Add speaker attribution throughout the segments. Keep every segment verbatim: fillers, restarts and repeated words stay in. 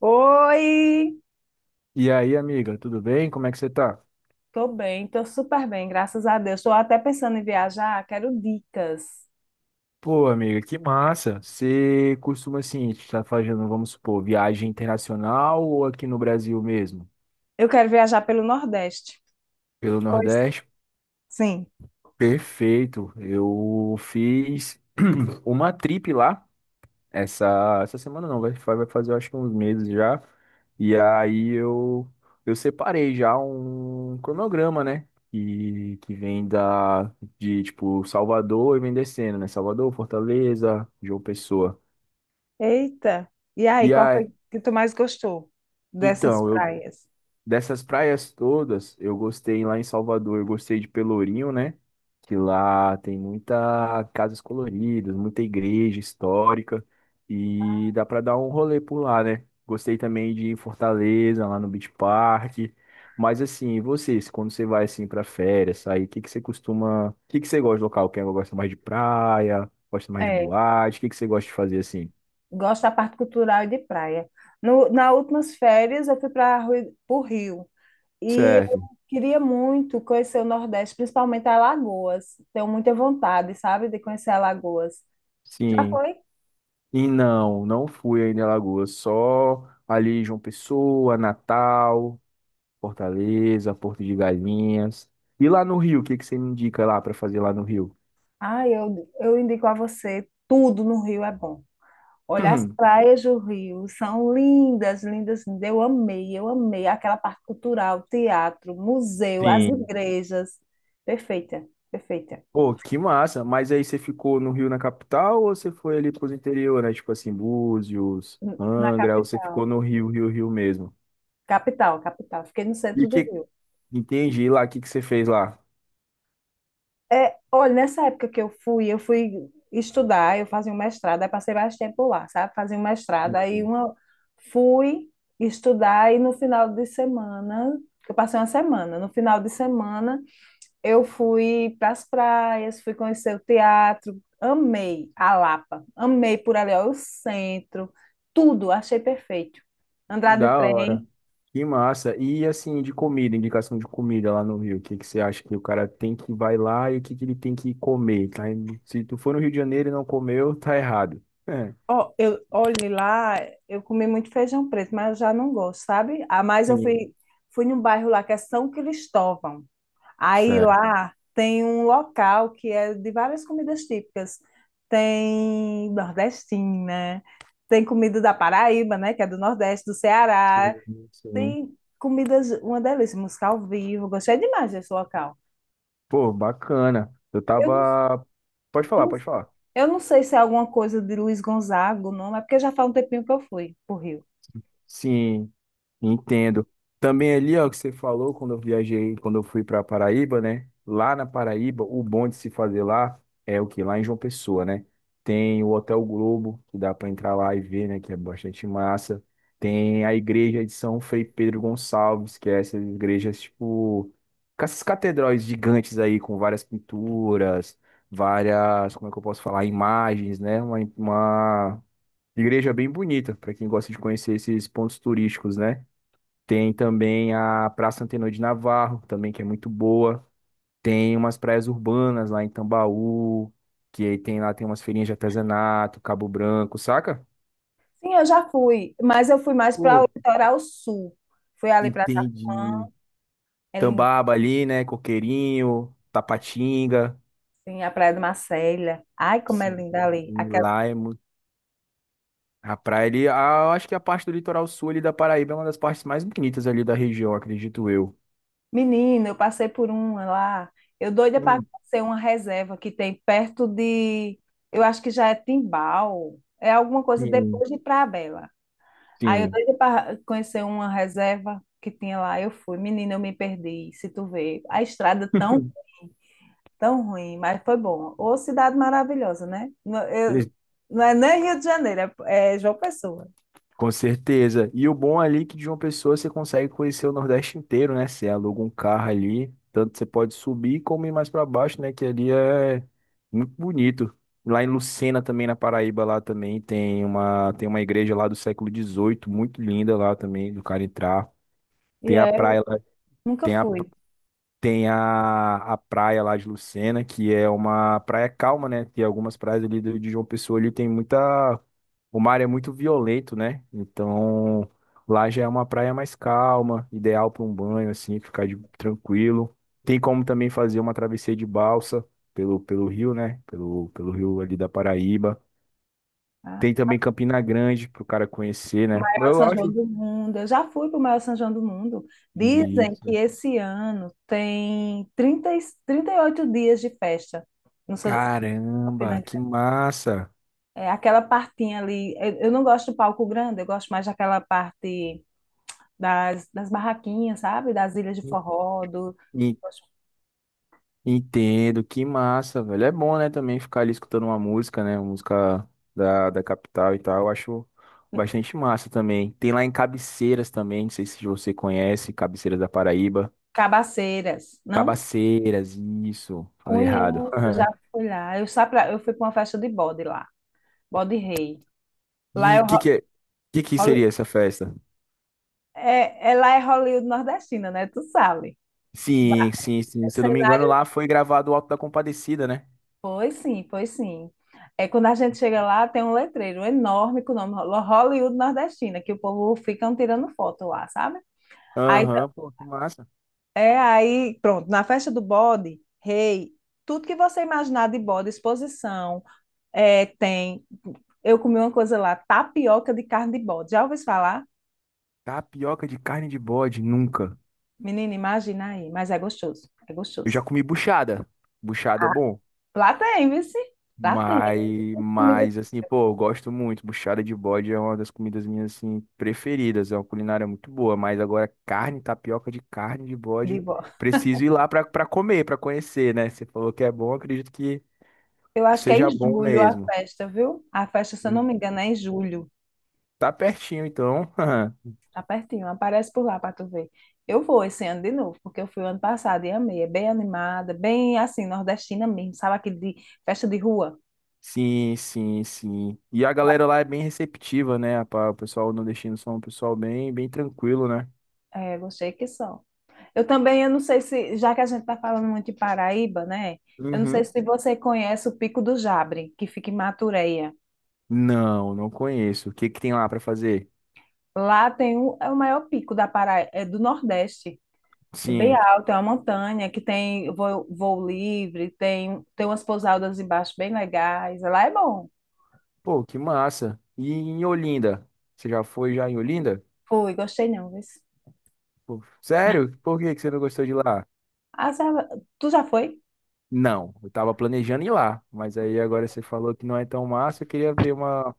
Speaker 1: Oi!
Speaker 2: E aí, amiga, tudo bem? Como é que você tá?
Speaker 1: Tô bem, tô super bem, graças a Deus. Tô até pensando em viajar, quero dicas.
Speaker 2: Pô, amiga, que massa. Você costuma, assim, estar fazendo, vamos supor, viagem internacional ou aqui no Brasil mesmo?
Speaker 1: Eu quero viajar pelo Nordeste.
Speaker 2: Pelo
Speaker 1: Pois.
Speaker 2: Nordeste?
Speaker 1: Sim.
Speaker 2: Perfeito. Eu fiz uma trip lá, essa, essa semana não, vai, vai fazer eu acho que uns meses já. E aí eu, eu separei já um cronograma, né? E que vem da, de, tipo, Salvador e vem descendo, né? Salvador, Fortaleza, João Pessoa.
Speaker 1: Eita! E aí,
Speaker 2: E
Speaker 1: qual
Speaker 2: aí,
Speaker 1: foi que tu mais gostou dessas
Speaker 2: então, eu,
Speaker 1: praias?
Speaker 2: dessas praias todas, eu gostei lá em Salvador, eu gostei de Pelourinho, né? Que lá tem muita casas coloridas, muita igreja histórica e dá pra dar um rolê por lá, né? Gostei também de ir em Fortaleza, lá no Beach Park. Mas assim, e vocês, quando você vai assim pra férias, sair, o que que você costuma, o que que você gosta de local? Quem gosta mais de praia, gosta mais de
Speaker 1: É,
Speaker 2: boate, o que que você gosta de fazer assim?
Speaker 1: gosto da parte cultural e de praia. No, nas últimas férias, eu fui para o Rio. E eu
Speaker 2: Certo.
Speaker 1: queria muito conhecer o Nordeste, principalmente Alagoas. Tenho muita vontade, sabe, de conhecer Alagoas. Já
Speaker 2: Sim.
Speaker 1: foi?
Speaker 2: E não, não fui ainda em Alagoas, só ali João Pessoa, Natal, Fortaleza, Porto de Galinhas. E lá no Rio, o que que você me indica lá para fazer lá no Rio?
Speaker 1: Ah, eu, eu indico a você, tudo no Rio é bom. Olha, as praias do Rio são lindas, lindas, lindas. Eu amei, eu amei aquela parte cultural, teatro, museu, as
Speaker 2: Sim.
Speaker 1: igrejas. Perfeita, perfeita.
Speaker 2: Pô, que massa. Mas aí você ficou no Rio na capital ou você foi ali pros interior, né? Tipo assim, Búzios,
Speaker 1: N- Na
Speaker 2: Angra, ou você ficou
Speaker 1: capital.
Speaker 2: no Rio, Rio, Rio mesmo?
Speaker 1: Capital, capital. Fiquei no
Speaker 2: E o
Speaker 1: centro do
Speaker 2: que...
Speaker 1: Rio.
Speaker 2: Entendi. E lá, o que que você fez lá?
Speaker 1: É, olha, nessa época que eu fui, eu fui estudar, eu fazia um mestrado, aí passei mais tempo lá, sabe? Fazia um mestrado, aí
Speaker 2: Hum.
Speaker 1: uma, fui estudar e no final de semana, eu passei uma semana, no final de semana eu fui para as praias, fui conhecer o teatro, amei a Lapa, amei por ali, ó, o centro, tudo, achei perfeito. Andar de
Speaker 2: Da hora.
Speaker 1: trem.
Speaker 2: Que massa. E assim, de comida, indicação de comida lá no Rio, o que que você acha que o cara tem que vai lá e o que que ele tem que comer? Tá? indo- Se tu for no Rio de Janeiro e não comeu, tá errado. É.
Speaker 1: Ó, eu, olhe lá, eu comi muito feijão preto, mas eu já não gosto, sabe? Ah, mas eu
Speaker 2: Sim.
Speaker 1: fui, fui num bairro lá que é São Cristóvão. Aí
Speaker 2: Certo.
Speaker 1: lá tem um local que é de várias comidas típicas. Tem nordestina, tem comida da Paraíba, né? Que é do Nordeste, do
Speaker 2: Sim,
Speaker 1: Ceará.
Speaker 2: sim.
Speaker 1: Tem comidas, uma delícia, música ao vivo. Gostei demais desse local.
Speaker 2: Pô, bacana. Eu
Speaker 1: Eu, não-
Speaker 2: tava. Pode
Speaker 1: eu,
Speaker 2: falar,
Speaker 1: não-
Speaker 2: pode falar.
Speaker 1: eu não sei se é alguma coisa de Luiz Gonzaga, não, é porque já faz um tempinho que eu fui pro Rio.
Speaker 2: Sim. Entendo. Também ali, ó, que você falou quando eu viajei, quando eu fui para Paraíba, né? Lá na Paraíba, o bom de se fazer lá é o que Lá em João Pessoa, né? Tem o Hotel Globo, que dá para entrar lá e ver, né? Que é bastante massa. Tem a igreja de São Frei Pedro Gonçalves, que é essas igrejas, tipo, com essas catedrais gigantes aí, com várias pinturas, várias, como é que eu posso falar? Imagens, né? Uma, uma igreja bem bonita, para quem gosta de conhecer esses pontos turísticos, né? Tem também a Praça Antenor de Navarro, também que é muito boa. Tem umas praias urbanas lá em Tambaú, que aí tem lá tem umas feirinhas de artesanato, Cabo Branco, saca?
Speaker 1: Sim, eu já fui, mas eu fui mais para o
Speaker 2: Pô,
Speaker 1: litoral sul. Fui ali para Tacumã,
Speaker 2: entendi.
Speaker 1: é lindo,
Speaker 2: Tambaba ali, né? Coqueirinho, Tapatinga.
Speaker 1: sim, a Praia de Marcélia. Ai, como é
Speaker 2: Sim,
Speaker 1: linda ali. Aquela.
Speaker 2: lá é muito... A praia ali, ah, eu acho que a parte do litoral sul ali da Paraíba é uma das partes mais bonitas ali da região, acredito eu.
Speaker 1: Menina, eu passei por uma lá. Eu doida para
Speaker 2: Hum,
Speaker 1: conhecer uma reserva que tem perto de, eu acho que já é Timbal, é alguma coisa
Speaker 2: Sim,
Speaker 1: depois de Praia Bela. Aí eu
Speaker 2: sim.
Speaker 1: doida para conhecer uma reserva que tinha lá, eu fui. Menina, eu me perdi, se tu vê. A estrada tão Tão ruim, mas foi bom. Ô, cidade maravilhosa, né? Não, eu- não é nem Rio de Janeiro, é, é João Pessoa.
Speaker 2: Com certeza. E o bom ali é que de uma pessoa você consegue conhecer o Nordeste inteiro, né? Você aluga um carro ali, tanto você pode subir como ir mais para baixo, né? Que ali é muito bonito. Lá em Lucena também, na Paraíba, lá também tem uma, tem uma igreja lá do século dezoito, muito linda lá também, do cara entrar.
Speaker 1: E
Speaker 2: Tem a
Speaker 1: é,
Speaker 2: praia lá,
Speaker 1: nunca
Speaker 2: tem a
Speaker 1: fui.
Speaker 2: tem a, a praia lá de Lucena, que é uma praia calma, né? Tem algumas praias ali do- de João Pessoa ali, tem muita. O mar é muito violento, né? Então lá já é uma praia mais calma, ideal para um banho, assim, ficar de- tranquilo. Tem como também fazer uma travessia de balsa pelo, pelo rio, né? Pelo, pelo rio ali da Paraíba.
Speaker 1: Tá?
Speaker 2: Tem também Campina Grande para o cara conhecer, né?
Speaker 1: Maior
Speaker 2: Eu
Speaker 1: São João
Speaker 2: acho.
Speaker 1: do mundo. Eu já fui para o maior São João do mundo. Dizem que
Speaker 2: Isso.
Speaker 1: esse ano tem trinta e- trinta e oito dias de festa no São Campina
Speaker 2: Caramba, que
Speaker 1: Grande.
Speaker 2: massa!
Speaker 1: É aquela partinha ali. Eu, eu não gosto do palco grande, eu gosto mais daquela parte, das, das barraquinhas, sabe? Das ilhas de forró, do, das
Speaker 2: Entendo, que massa, velho. É bom, né, também ficar ali escutando uma música, né, uma música da, da capital e tal. Eu acho bastante massa também. Tem lá em Cabeceiras também, não sei se você conhece, Cabeceiras da Paraíba.
Speaker 1: cabaceiras, não?
Speaker 2: Cabaceiras, isso, falei errado.
Speaker 1: Conheço, já fui lá. Eu, só pra, eu fui para uma festa de bode lá, bode rei. Lá
Speaker 2: E
Speaker 1: é, o
Speaker 2: que
Speaker 1: Ho-
Speaker 2: que, é- que que
Speaker 1: Holly-
Speaker 2: seria essa festa?
Speaker 1: é, é- lá é Hollywood nordestina, né? Tu sabe. Ba-
Speaker 2: Sim, sim, sim. Se eu não me engano,
Speaker 1: Cenário.
Speaker 2: lá foi gravado o Alto da Compadecida, né?
Speaker 1: Pois sim, pois sim. É, quando a gente chega lá, tem um letreiro enorme com o nome Ho- Hollywood nordestina, que o povo ficam tirando foto lá, sabe? Aí
Speaker 2: Aham, pô, que massa.
Speaker 1: É aí, pronto, na festa do bode, rei, tudo que você imaginar de bode, exposição, é, tem. Eu comi uma coisa lá, tapioca de carne de bode. Já ouviu falar?
Speaker 2: Tapioca de carne de bode, nunca.
Speaker 1: Menina, imagina aí, mas é gostoso, é
Speaker 2: Eu
Speaker 1: gostoso.
Speaker 2: já comi buchada. Buchada é
Speaker 1: Ah,
Speaker 2: bom.
Speaker 1: lá tem, viu? Sim? Lá tem
Speaker 2: Mas,
Speaker 1: comida
Speaker 2: mas assim, pô, eu gosto muito. Buchada de bode é uma das comidas minhas assim preferidas. É uma culinária muito boa, mas agora carne, tapioca de carne de
Speaker 1: de
Speaker 2: bode,
Speaker 1: bode.
Speaker 2: preciso ir lá pra para comer, pra conhecer, né? Você falou que é bom, acredito que
Speaker 1: Eu acho que é em
Speaker 2: seja bom
Speaker 1: julho a
Speaker 2: mesmo.
Speaker 1: festa, viu? A festa, se eu não
Speaker 2: Sim.
Speaker 1: me engano, é em julho.
Speaker 2: Tá pertinho, então.
Speaker 1: Tá pertinho, aparece por lá para tu ver. Eu vou esse ano de novo, porque eu fui o ano passado e amei. É bem animada, bem assim, nordestina mesmo, sabe? Aquele de festa de rua.
Speaker 2: Sim, sim, sim. E a galera lá é bem receptiva, né? pa- O pessoal nordestino são um pessoal bem, bem tranquilo, né?
Speaker 1: É, gostei que só. Eu também, eu não sei se, já que a gente tá falando muito de Paraíba, né? Eu não sei
Speaker 2: Uhum.
Speaker 1: se você conhece o Pico do Jabre, que fica em Matureia.
Speaker 2: Não, não conheço. O que que tem lá pra fazer?
Speaker 1: Lá tem o, é o maior pico da Paraíba, é do Nordeste. É bem
Speaker 2: Sim.
Speaker 1: alto, é uma montanha que tem voo, voo livre, tem, tem umas pousadas embaixo bem legais. Lá é bom.
Speaker 2: Pô, que massa. E em Olinda? Você já foi já em Olinda?
Speaker 1: Fui, gostei não, viu?
Speaker 2: Pô, sério? Por que que você não gostou de lá?
Speaker 1: Ah, já- tu já foi?
Speaker 2: Não, eu tava planejando ir lá, mas aí agora você falou que não é tão massa, eu queria ver uma,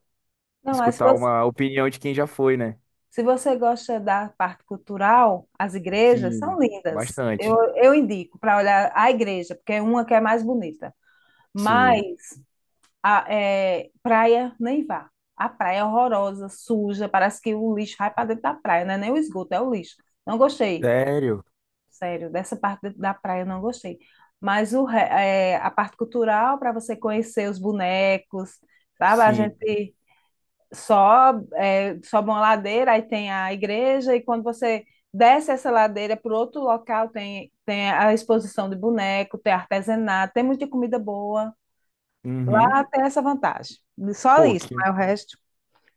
Speaker 1: Não, mas se
Speaker 2: escutar
Speaker 1: você,
Speaker 2: uma opinião de quem já foi, né?
Speaker 1: se você gosta da parte cultural, as igrejas são
Speaker 2: Sim,
Speaker 1: lindas. Eu,
Speaker 2: bastante.
Speaker 1: eu indico para olhar a igreja, porque é uma que é mais bonita.
Speaker 2: Sim.
Speaker 1: Mas a é, praia, nem vá. A praia é horrorosa, suja, parece que o lixo vai para dentro da praia, não é nem o esgoto, é o lixo. Não gostei,
Speaker 2: Sério?
Speaker 1: sério, dessa parte da praia eu não gostei. Mas o, re- é, a parte cultural, para você conhecer os bonecos, sabe? A
Speaker 2: Sim.
Speaker 1: gente. Só é, sobe uma ladeira, aí tem a igreja, e quando você desce essa ladeira para outro local, tem, tem, a exposição de boneco, tem artesanato, tem muita comida boa.
Speaker 2: Uhum.
Speaker 1: Lá tem essa vantagem. Só
Speaker 2: Pô,
Speaker 1: isso,
Speaker 2: que,
Speaker 1: mas o resto.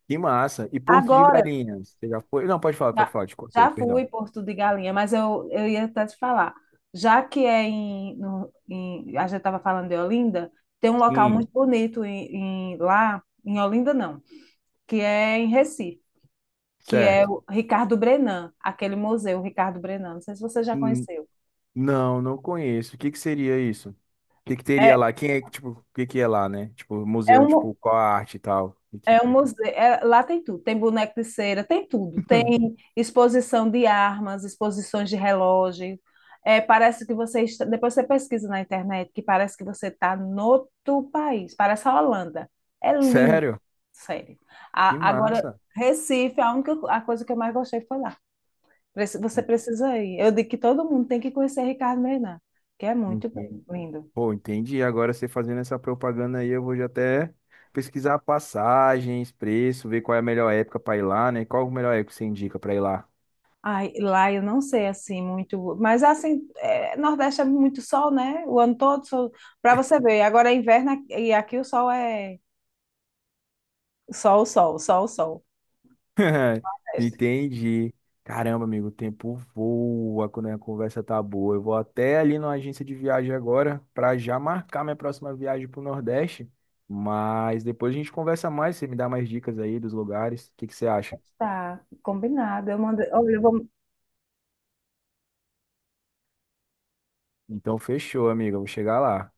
Speaker 2: que massa. E Porto de
Speaker 1: Agora,
Speaker 2: Galinhas, você já foi? Não, pode falar, pode
Speaker 1: já,
Speaker 2: falar, te cortei,
Speaker 1: já fui
Speaker 2: perdão.
Speaker 1: em Porto de Galinha, mas eu, eu ia até te falar. Já que é em, no- em- a gente estava falando de Olinda, tem um local
Speaker 2: Sim,
Speaker 1: muito bonito em, em- lá, em Olinda não, que é em Recife, que é
Speaker 2: certo.
Speaker 1: o Ricardo Brennand, aquele museu Ricardo Brennand. Não sei se você já
Speaker 2: Hum.
Speaker 1: conheceu.
Speaker 2: Não, não conheço. O que que seria isso? O que que
Speaker 1: É,
Speaker 2: teria lá? Quem é, que, tipo, o que que é lá, né? Tipo,
Speaker 1: é
Speaker 2: museu,
Speaker 1: um,
Speaker 2: tipo, qual a arte e tal? Aqui
Speaker 1: é um
Speaker 2: para aqui.
Speaker 1: museu, é- lá tem tudo, tem boneco de cera, tem tudo, tem exposição de armas, exposições de relógios. É, parece que você está, depois você pesquisa na internet que parece que você está no outro país, parece a Holanda. É lindo,
Speaker 2: Sério?
Speaker 1: sério.
Speaker 2: Que
Speaker 1: A- agora,
Speaker 2: massa.
Speaker 1: Recife, a única co- a coisa que eu mais gostei foi lá. Prec- Você precisa ir. Eu digo que todo mundo tem que conhecer Ricardo Meirelles, que é muito bom,
Speaker 2: Entendi.
Speaker 1: lindo.
Speaker 2: Pô, entendi. Agora você fazendo essa propaganda aí, eu vou já até pesquisar passagens, preço, ver qual é a melhor época para ir lá, né? Qual a melhor época que você indica para ir lá?
Speaker 1: Ai, lá eu não sei assim muito, mas assim, é, Nordeste é muito sol, né? O ano todo, sol, para você ver. Agora é inverno aqui- e aqui o sol é sol, sol, sol, sol. Nordeste.
Speaker 2: Entendi. Caramba, amigo, o tempo voa quando a conversa tá boa. Eu vou até ali na agência de viagem agora para já marcar minha próxima viagem pro Nordeste. Mas depois a gente conversa mais, você me dá mais dicas aí dos lugares. O que que você acha?
Speaker 1: Tá, combinado. Eu mando, olha, eu vou,
Speaker 2: Então fechou, amigo. Eu vou chegar lá.